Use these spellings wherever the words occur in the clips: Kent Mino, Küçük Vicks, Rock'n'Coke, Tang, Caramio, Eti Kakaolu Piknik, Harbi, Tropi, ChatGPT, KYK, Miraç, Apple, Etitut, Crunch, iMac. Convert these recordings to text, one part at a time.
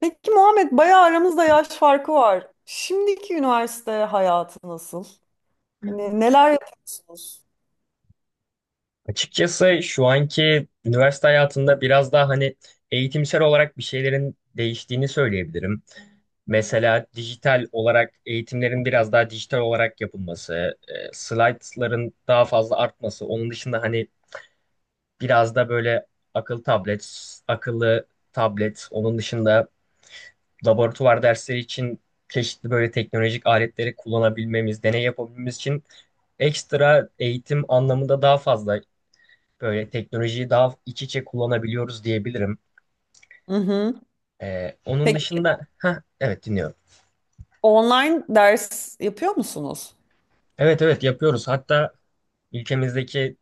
Peki Muhammed, bayağı aramızda yaş farkı var. Şimdiki üniversite hayatı nasıl? Hmm. Hani neler yapıyorsunuz? Açıkçası şu anki üniversite hayatında biraz daha hani eğitimsel olarak bir şeylerin değiştiğini söyleyebilirim. Mesela dijital olarak eğitimlerin biraz daha dijital olarak yapılması, slaytların daha fazla artması, onun dışında hani biraz da böyle akıllı tablet, akıllı tablet, onun dışında laboratuvar dersleri için çeşitli böyle teknolojik aletleri kullanabilmemiz, deney yapabilmemiz için ekstra eğitim anlamında daha fazla. Böyle teknolojiyi daha iç içe kullanabiliyoruz diyebilirim. Hı hı. Onun Peki dışında, ha evet dinliyorum. online ders yapıyor musunuz? Evet evet yapıyoruz. Hatta ülkemizdeki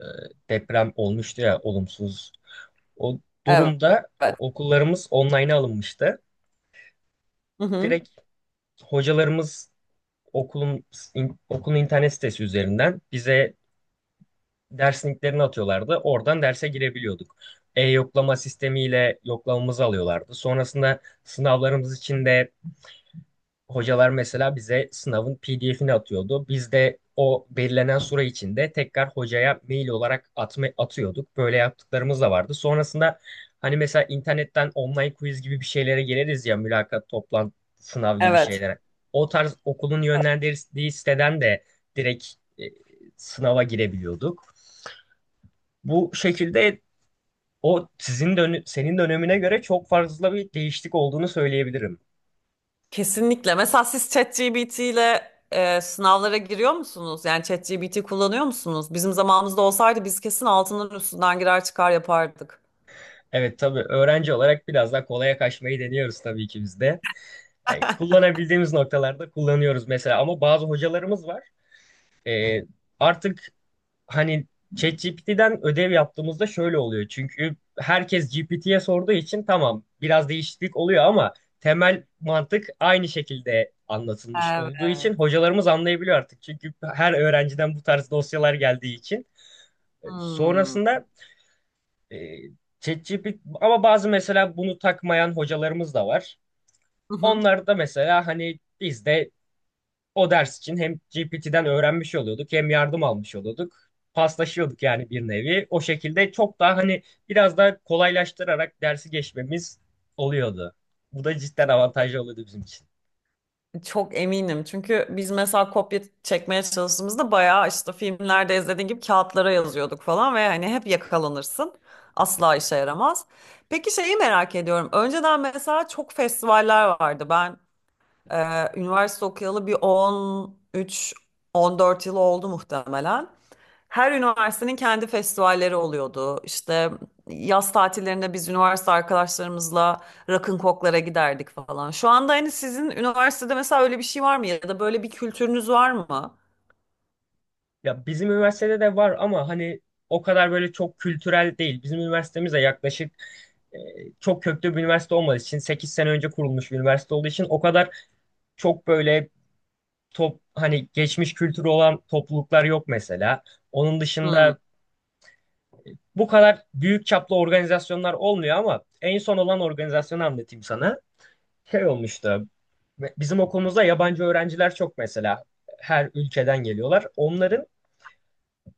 e, deprem olmuştu ya olumsuz. O durumda okullarımız online'a alınmıştı. Hı hı. Direkt hocalarımız okulun okulun internet sitesi üzerinden bize ders linklerini atıyorlardı. Oradan derse girebiliyorduk. E-yoklama sistemiyle yoklamamızı alıyorlardı. Sonrasında sınavlarımız için de hocalar mesela bize sınavın PDF'ini atıyordu. Biz de o belirlenen süre içinde tekrar hocaya mail olarak atıyorduk. Böyle yaptıklarımız da vardı. Sonrasında hani mesela internetten online quiz gibi bir şeylere geliriz ya mülakat, toplantı, sınav gibi Evet. şeylere. O tarz okulun yönlendirdiği siteden de direkt e, sınava girebiliyorduk. Bu şekilde o sizin senin dönemine göre çok fazla bir değişiklik olduğunu söyleyebilirim. Kesinlikle. Mesela siz ChatGPT ile sınavlara giriyor musunuz? Yani ChatGPT kullanıyor musunuz? Bizim zamanımızda olsaydı biz kesin altından üstünden girer çıkar yapardık. Evet tabii öğrenci olarak biraz daha kolaya kaçmayı deniyoruz tabii ki biz de. Yani kullanabildiğimiz noktalarda kullanıyoruz mesela ama bazı hocalarımız var. Ee, artık hani ChatGPT'den ödev yaptığımızda şöyle oluyor. Çünkü herkes GPT'ye sorduğu için tamam biraz değişiklik oluyor ama temel mantık aynı şekilde anlatılmış olduğu Evet. için hocalarımız anlayabiliyor artık. Çünkü her öğrenciden bu tarz dosyalar geldiği için. Hmm. Sonrasında e, ChatGPT ama bazı mesela bunu takmayan hocalarımız da var. Onlar da mesela hani biz de o ders için hem GPT'den öğrenmiş oluyorduk hem yardım almış oluyorduk. Paslaşıyorduk yani bir nevi. O şekilde çok daha hani biraz daha kolaylaştırarak dersi geçmemiz oluyordu. Bu da cidden avantajlı oluyordu bizim için. Çok eminim, çünkü biz mesela kopya çekmeye çalıştığımızda bayağı işte filmlerde izlediğin gibi kağıtlara yazıyorduk falan ve hani hep yakalanırsın. Asla işe yaramaz. Peki şeyi merak ediyorum. Önceden mesela çok festivaller vardı. Ben üniversite okuyalı bir 13-14 yıl oldu muhtemelen. Her üniversitenin kendi festivalleri oluyordu. İşte yaz tatillerinde biz üniversite arkadaşlarımızla Rock'n'Coke'lara giderdik falan. Şu anda hani sizin üniversitede mesela öyle bir şey var mı, ya da böyle bir kültürünüz var mı? Ya bizim üniversitede de var ama hani o kadar böyle çok kültürel değil. Bizim üniversitemiz de yaklaşık e, çok köklü bir üniversite olmadığı için 8 sene önce kurulmuş bir üniversite olduğu için o kadar çok böyle hani geçmiş kültürü olan topluluklar yok mesela. Onun Hmm. dışında bu kadar büyük çaplı organizasyonlar olmuyor ama en son olan organizasyonu anlatayım sana. Şey olmuştu. Bizim okulumuzda yabancı öğrenciler çok mesela. Her ülkeden geliyorlar. Onların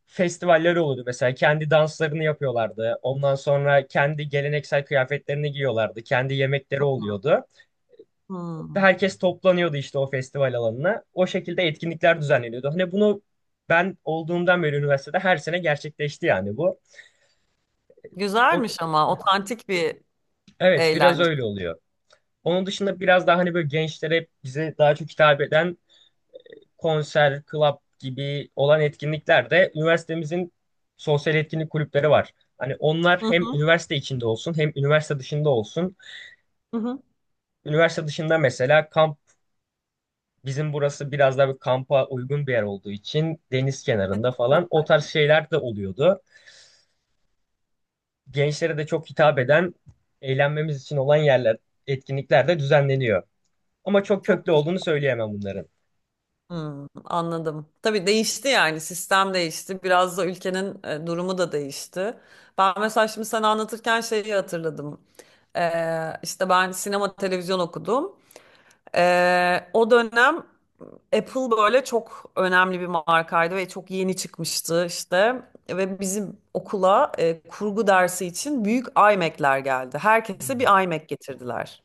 festivaller oluyordu mesela. Kendi danslarını yapıyorlardı. Ondan sonra kendi geleneksel kıyafetlerini giyiyorlardı. Kendi yemekleri oluyordu. Ve Hmm. herkes toplanıyordu işte o festival alanına. O şekilde etkinlikler düzenleniyordu. Hani bunu ben olduğumdan beri üniversitede her sene gerçekleşti yani bu. O- Güzelmiş, ama otantik bir Evet, biraz eğlence. öyle oluyor. Onun dışında biraz daha hani böyle gençlere bize daha çok hitap eden konser, club gibi olan etkinliklerde üniversitemizin sosyal etkinlik kulüpleri var. Hani onlar Hı hem hı, üniversite içinde olsun hem üniversite dışında olsun. hı hı. Üniversite dışında mesela kamp bizim burası biraz daha bir kampa uygun bir yer olduğu için deniz kenarında falan o tarz şeyler de oluyordu. Gençlere de çok hitap eden eğlenmemiz için olan yerler, etkinlikler de düzenleniyor. Ama çok Çok köklü güzel. olduğunu söyleyemem bunların. Hmm, anladım. Tabii değişti, yani sistem değişti. Biraz da ülkenin durumu da değişti. Ben mesela şimdi sana anlatırken şeyi hatırladım. İşte ben sinema televizyon okudum. O dönem Apple böyle çok önemli bir markaydı ve çok yeni çıkmıştı işte. Ve bizim okula kurgu dersi için büyük iMac'ler geldi. Herkese Hmm. bir iMac getirdiler.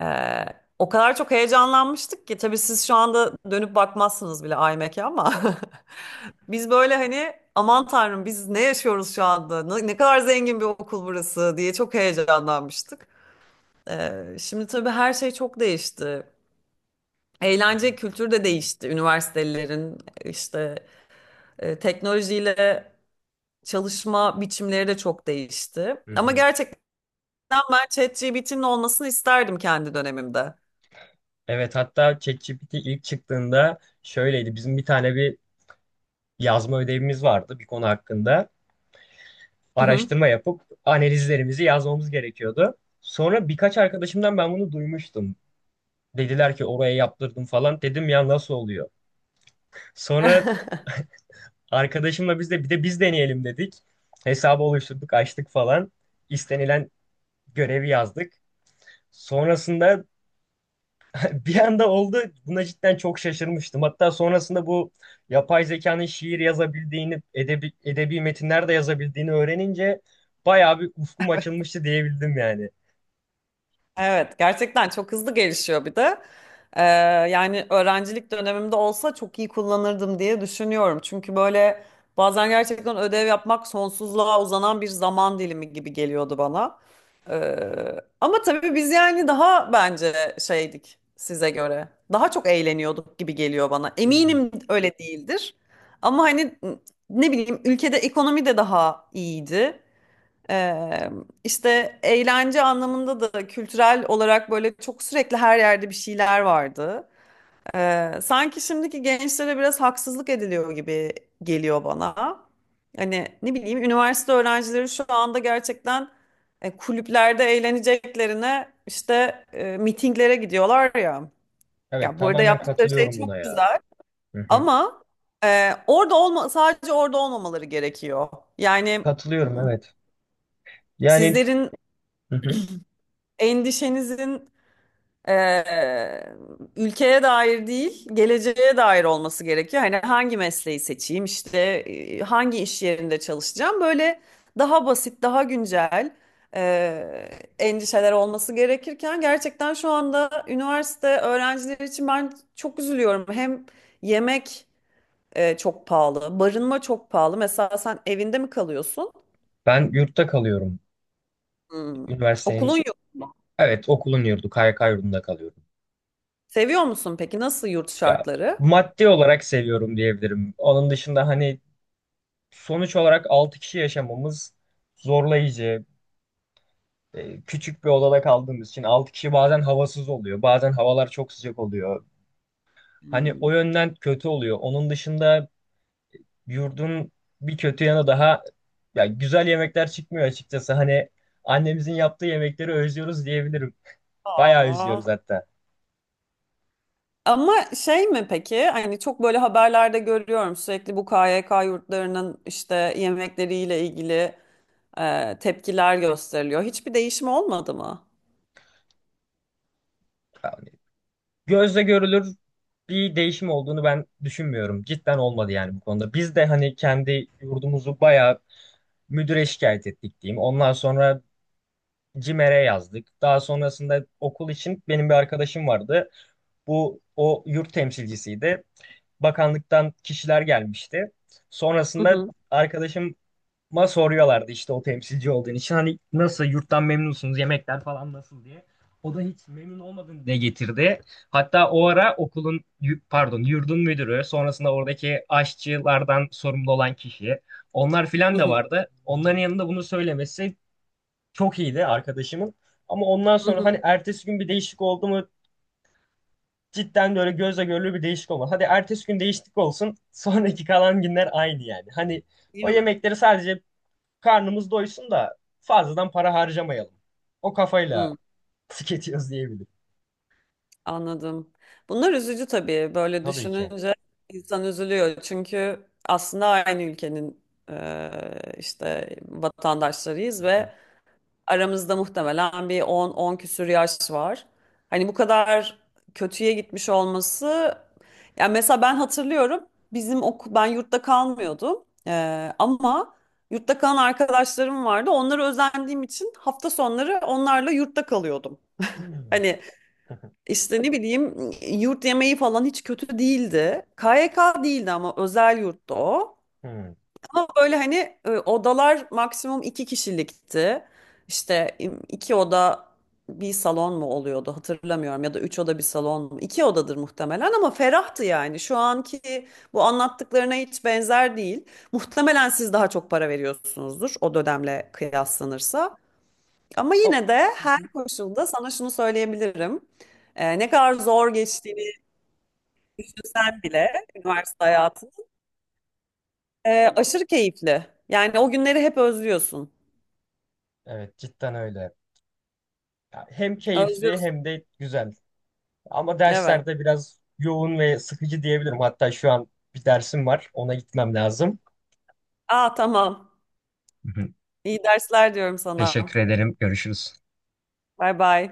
Ee, O kadar çok heyecanlanmıştık ki tabii siz şu anda dönüp bakmazsınız bile iMac'e, ama biz böyle hani aman tanrım biz ne yaşıyoruz şu anda, ne kadar zengin bir okul burası diye çok heyecanlanmıştık. Şimdi tabii her şey çok değişti. Hı hı. Eğlence kültürü de değişti. Üniversitelerin işte teknolojiyle çalışma biçimleri de çok değişti. Hı Ama hı. gerçekten ben ChatGPT'nin olmasını isterdim kendi dönemimde. Evet, hatta ChatGPT ilk çıktığında şöyleydi. Bizim bir tane bir yazma ödevimiz vardı bir konu hakkında. Hı Araştırma yapıp analizlerimizi yazmamız gerekiyordu. Sonra birkaç arkadaşımdan ben bunu duymuştum. Dediler ki oraya yaptırdım falan. Dedim ya nasıl oluyor? hı. Sonra arkadaşımla biz de bir de biz deneyelim dedik. Hesabı oluşturduk, açtık falan. İstenilen görevi yazdık. Sonrasında bir anda oldu. Buna cidden çok şaşırmıştım. Hatta sonrasında bu yapay zekanın şiir yazabildiğini, edebi metinler de yazabildiğini öğrenince bayağı bir ufkum açılmıştı diyebildim yani. Evet, gerçekten çok hızlı gelişiyor bir de. Ee, Yani öğrencilik dönemimde olsa çok iyi kullanırdım diye düşünüyorum. Çünkü böyle bazen gerçekten ödev yapmak sonsuzluğa uzanan bir zaman dilimi gibi geliyordu bana. Ee, Ama tabii biz yani daha bence şeydik size göre. Daha çok eğleniyorduk gibi geliyor bana. Hmm. Eminim öyle değildir. Ama hani ne bileyim, ülkede ekonomi de daha iyiydi. Ee, işte eğlence anlamında da kültürel olarak böyle çok sürekli her yerde bir şeyler vardı. Sanki şimdiki gençlere biraz haksızlık ediliyor gibi geliyor bana. Hani ne bileyim, üniversite öğrencileri şu anda gerçekten kulüplerde eğleneceklerine işte mitinglere gidiyorlar ya. Evet, Ya burada tamamen yaptıkları şey katılıyorum buna çok ya. güzel, Hı hı. ama orada olma, sadece orada olmamaları gerekiyor. Yani m, Katılıyorum, evet. Yani sizlerin hı hı. endişenizin, eee, ülkeye dair değil, geleceğe dair olması gerekiyor. Hani hangi mesleği seçeyim, işte hangi iş yerinde çalışacağım, böyle daha basit, daha güncel eee, endişeler olması gerekirken gerçekten şu anda üniversite öğrencileri için ben çok üzülüyorum. Hem yemek çok pahalı, barınma çok pahalı. Mesela sen evinde mi kalıyorsun? Ben yurtta kalıyorum. Hmm. Üniversitenin, Okulun yok. evet okulun yurdu, KYK yurdunda kalıyorum. Seviyor musun peki? Nasıl yurt Ya şartları? maddi olarak seviyorum diyebilirim. Onun dışında hani sonuç olarak 6 kişi yaşamamız zorlayıcı. Küçük bir odada kaldığımız için 6 kişi bazen havasız oluyor. Bazen havalar çok sıcak oluyor. Hani o Hmm. yönden kötü oluyor. Onun dışında yurdun bir kötü yanı daha ya güzel yemekler çıkmıyor açıkçası. Hani annemizin yaptığı yemekleri özlüyoruz diyebilirim. Bayağı Aa. özlüyoruz hatta. Ama şey mi peki? Hani çok böyle haberlerde görüyorum sürekli bu KYK yurtlarının işte yemekleriyle ilgili tepkiler gösteriliyor. Hiçbir değişim olmadı mı? Yani gözle görülür bir değişim olduğunu ben düşünmüyorum. Cidden olmadı yani bu konuda. Biz de hani kendi yurdumuzu bayağı müdüre şikayet ettik diyeyim. Ondan sonra CİMER'e yazdık. Daha sonrasında okul için benim bir arkadaşım vardı. Bu o yurt temsilcisiydi. Bakanlıktan kişiler gelmişti. Hı Sonrasında hı, arkadaşıma soruyorlardı işte o temsilci olduğun için hani nasıl yurttan memnunsunuz yemekler falan nasıl diye. O da hiç memnun olmadığını dile getirdi. Hatta o ara okulun pardon yurdun müdürü sonrasında oradaki aşçılardan sorumlu olan kişi onlar filan hı da hı, vardı. Onların yanında bunu söylemesi çok iyiydi arkadaşımın. Ama ondan hı sonra hı. hani ertesi gün bir değişik oldu mu, cidden böyle gözle görülür bir değişik olmadı. Hadi ertesi gün değişiklik olsun. Sonraki kalan günler aynı yani. Hani Değil o mi? yemekleri sadece karnımız doysun da fazladan para harcamayalım. O Hı, kafayla tüketiyoruz diyebilirim. anladım. Bunlar üzücü tabii. Böyle Tabii ki. düşününce insan üzülüyor. Çünkü aslında aynı ülkenin işte vatandaşlarıyız ve aramızda muhtemelen bir 10 on küsür yaş var. Hani bu kadar kötüye gitmiş olması, yani mesela ben hatırlıyorum, bizim okul, ben yurtta kalmıyordum. Ama yurtta kalan arkadaşlarım vardı. Onlara özendiğim için hafta sonları onlarla yurtta kalıyordum. Hmm. Hani işte ne bileyim, yurt yemeği falan hiç kötü değildi. KYK değildi ama, özel yurtta o. Hmm. Ama böyle hani odalar maksimum iki kişilikti. İşte iki oda bir salon mu oluyordu hatırlamıyorum, ya da üç oda bir salon mu? İki odadır muhtemelen, ama ferahtı yani. Şu anki bu anlattıklarına hiç benzer değil. Muhtemelen siz daha çok para veriyorsunuzdur o dönemle kıyaslanırsa. Ama Hop. yine de her koşulda sana şunu söyleyebilirim. Ne kadar zor geçtiğini düşünsen bile üniversite hayatı aşırı keyifli. Yani o günleri hep özlüyorsun. Evet, cidden öyle. Ya hem keyifli Özlüyorsun. hem de güzel. Ama Evet. derslerde biraz yoğun ve sıkıcı diyebilirim. Hatta şu an bir dersim var. Ona gitmem lazım. Aa, tamam. Hı hı. İyi dersler diyorum sana. Teşekkür ederim. Görüşürüz. Bay bay.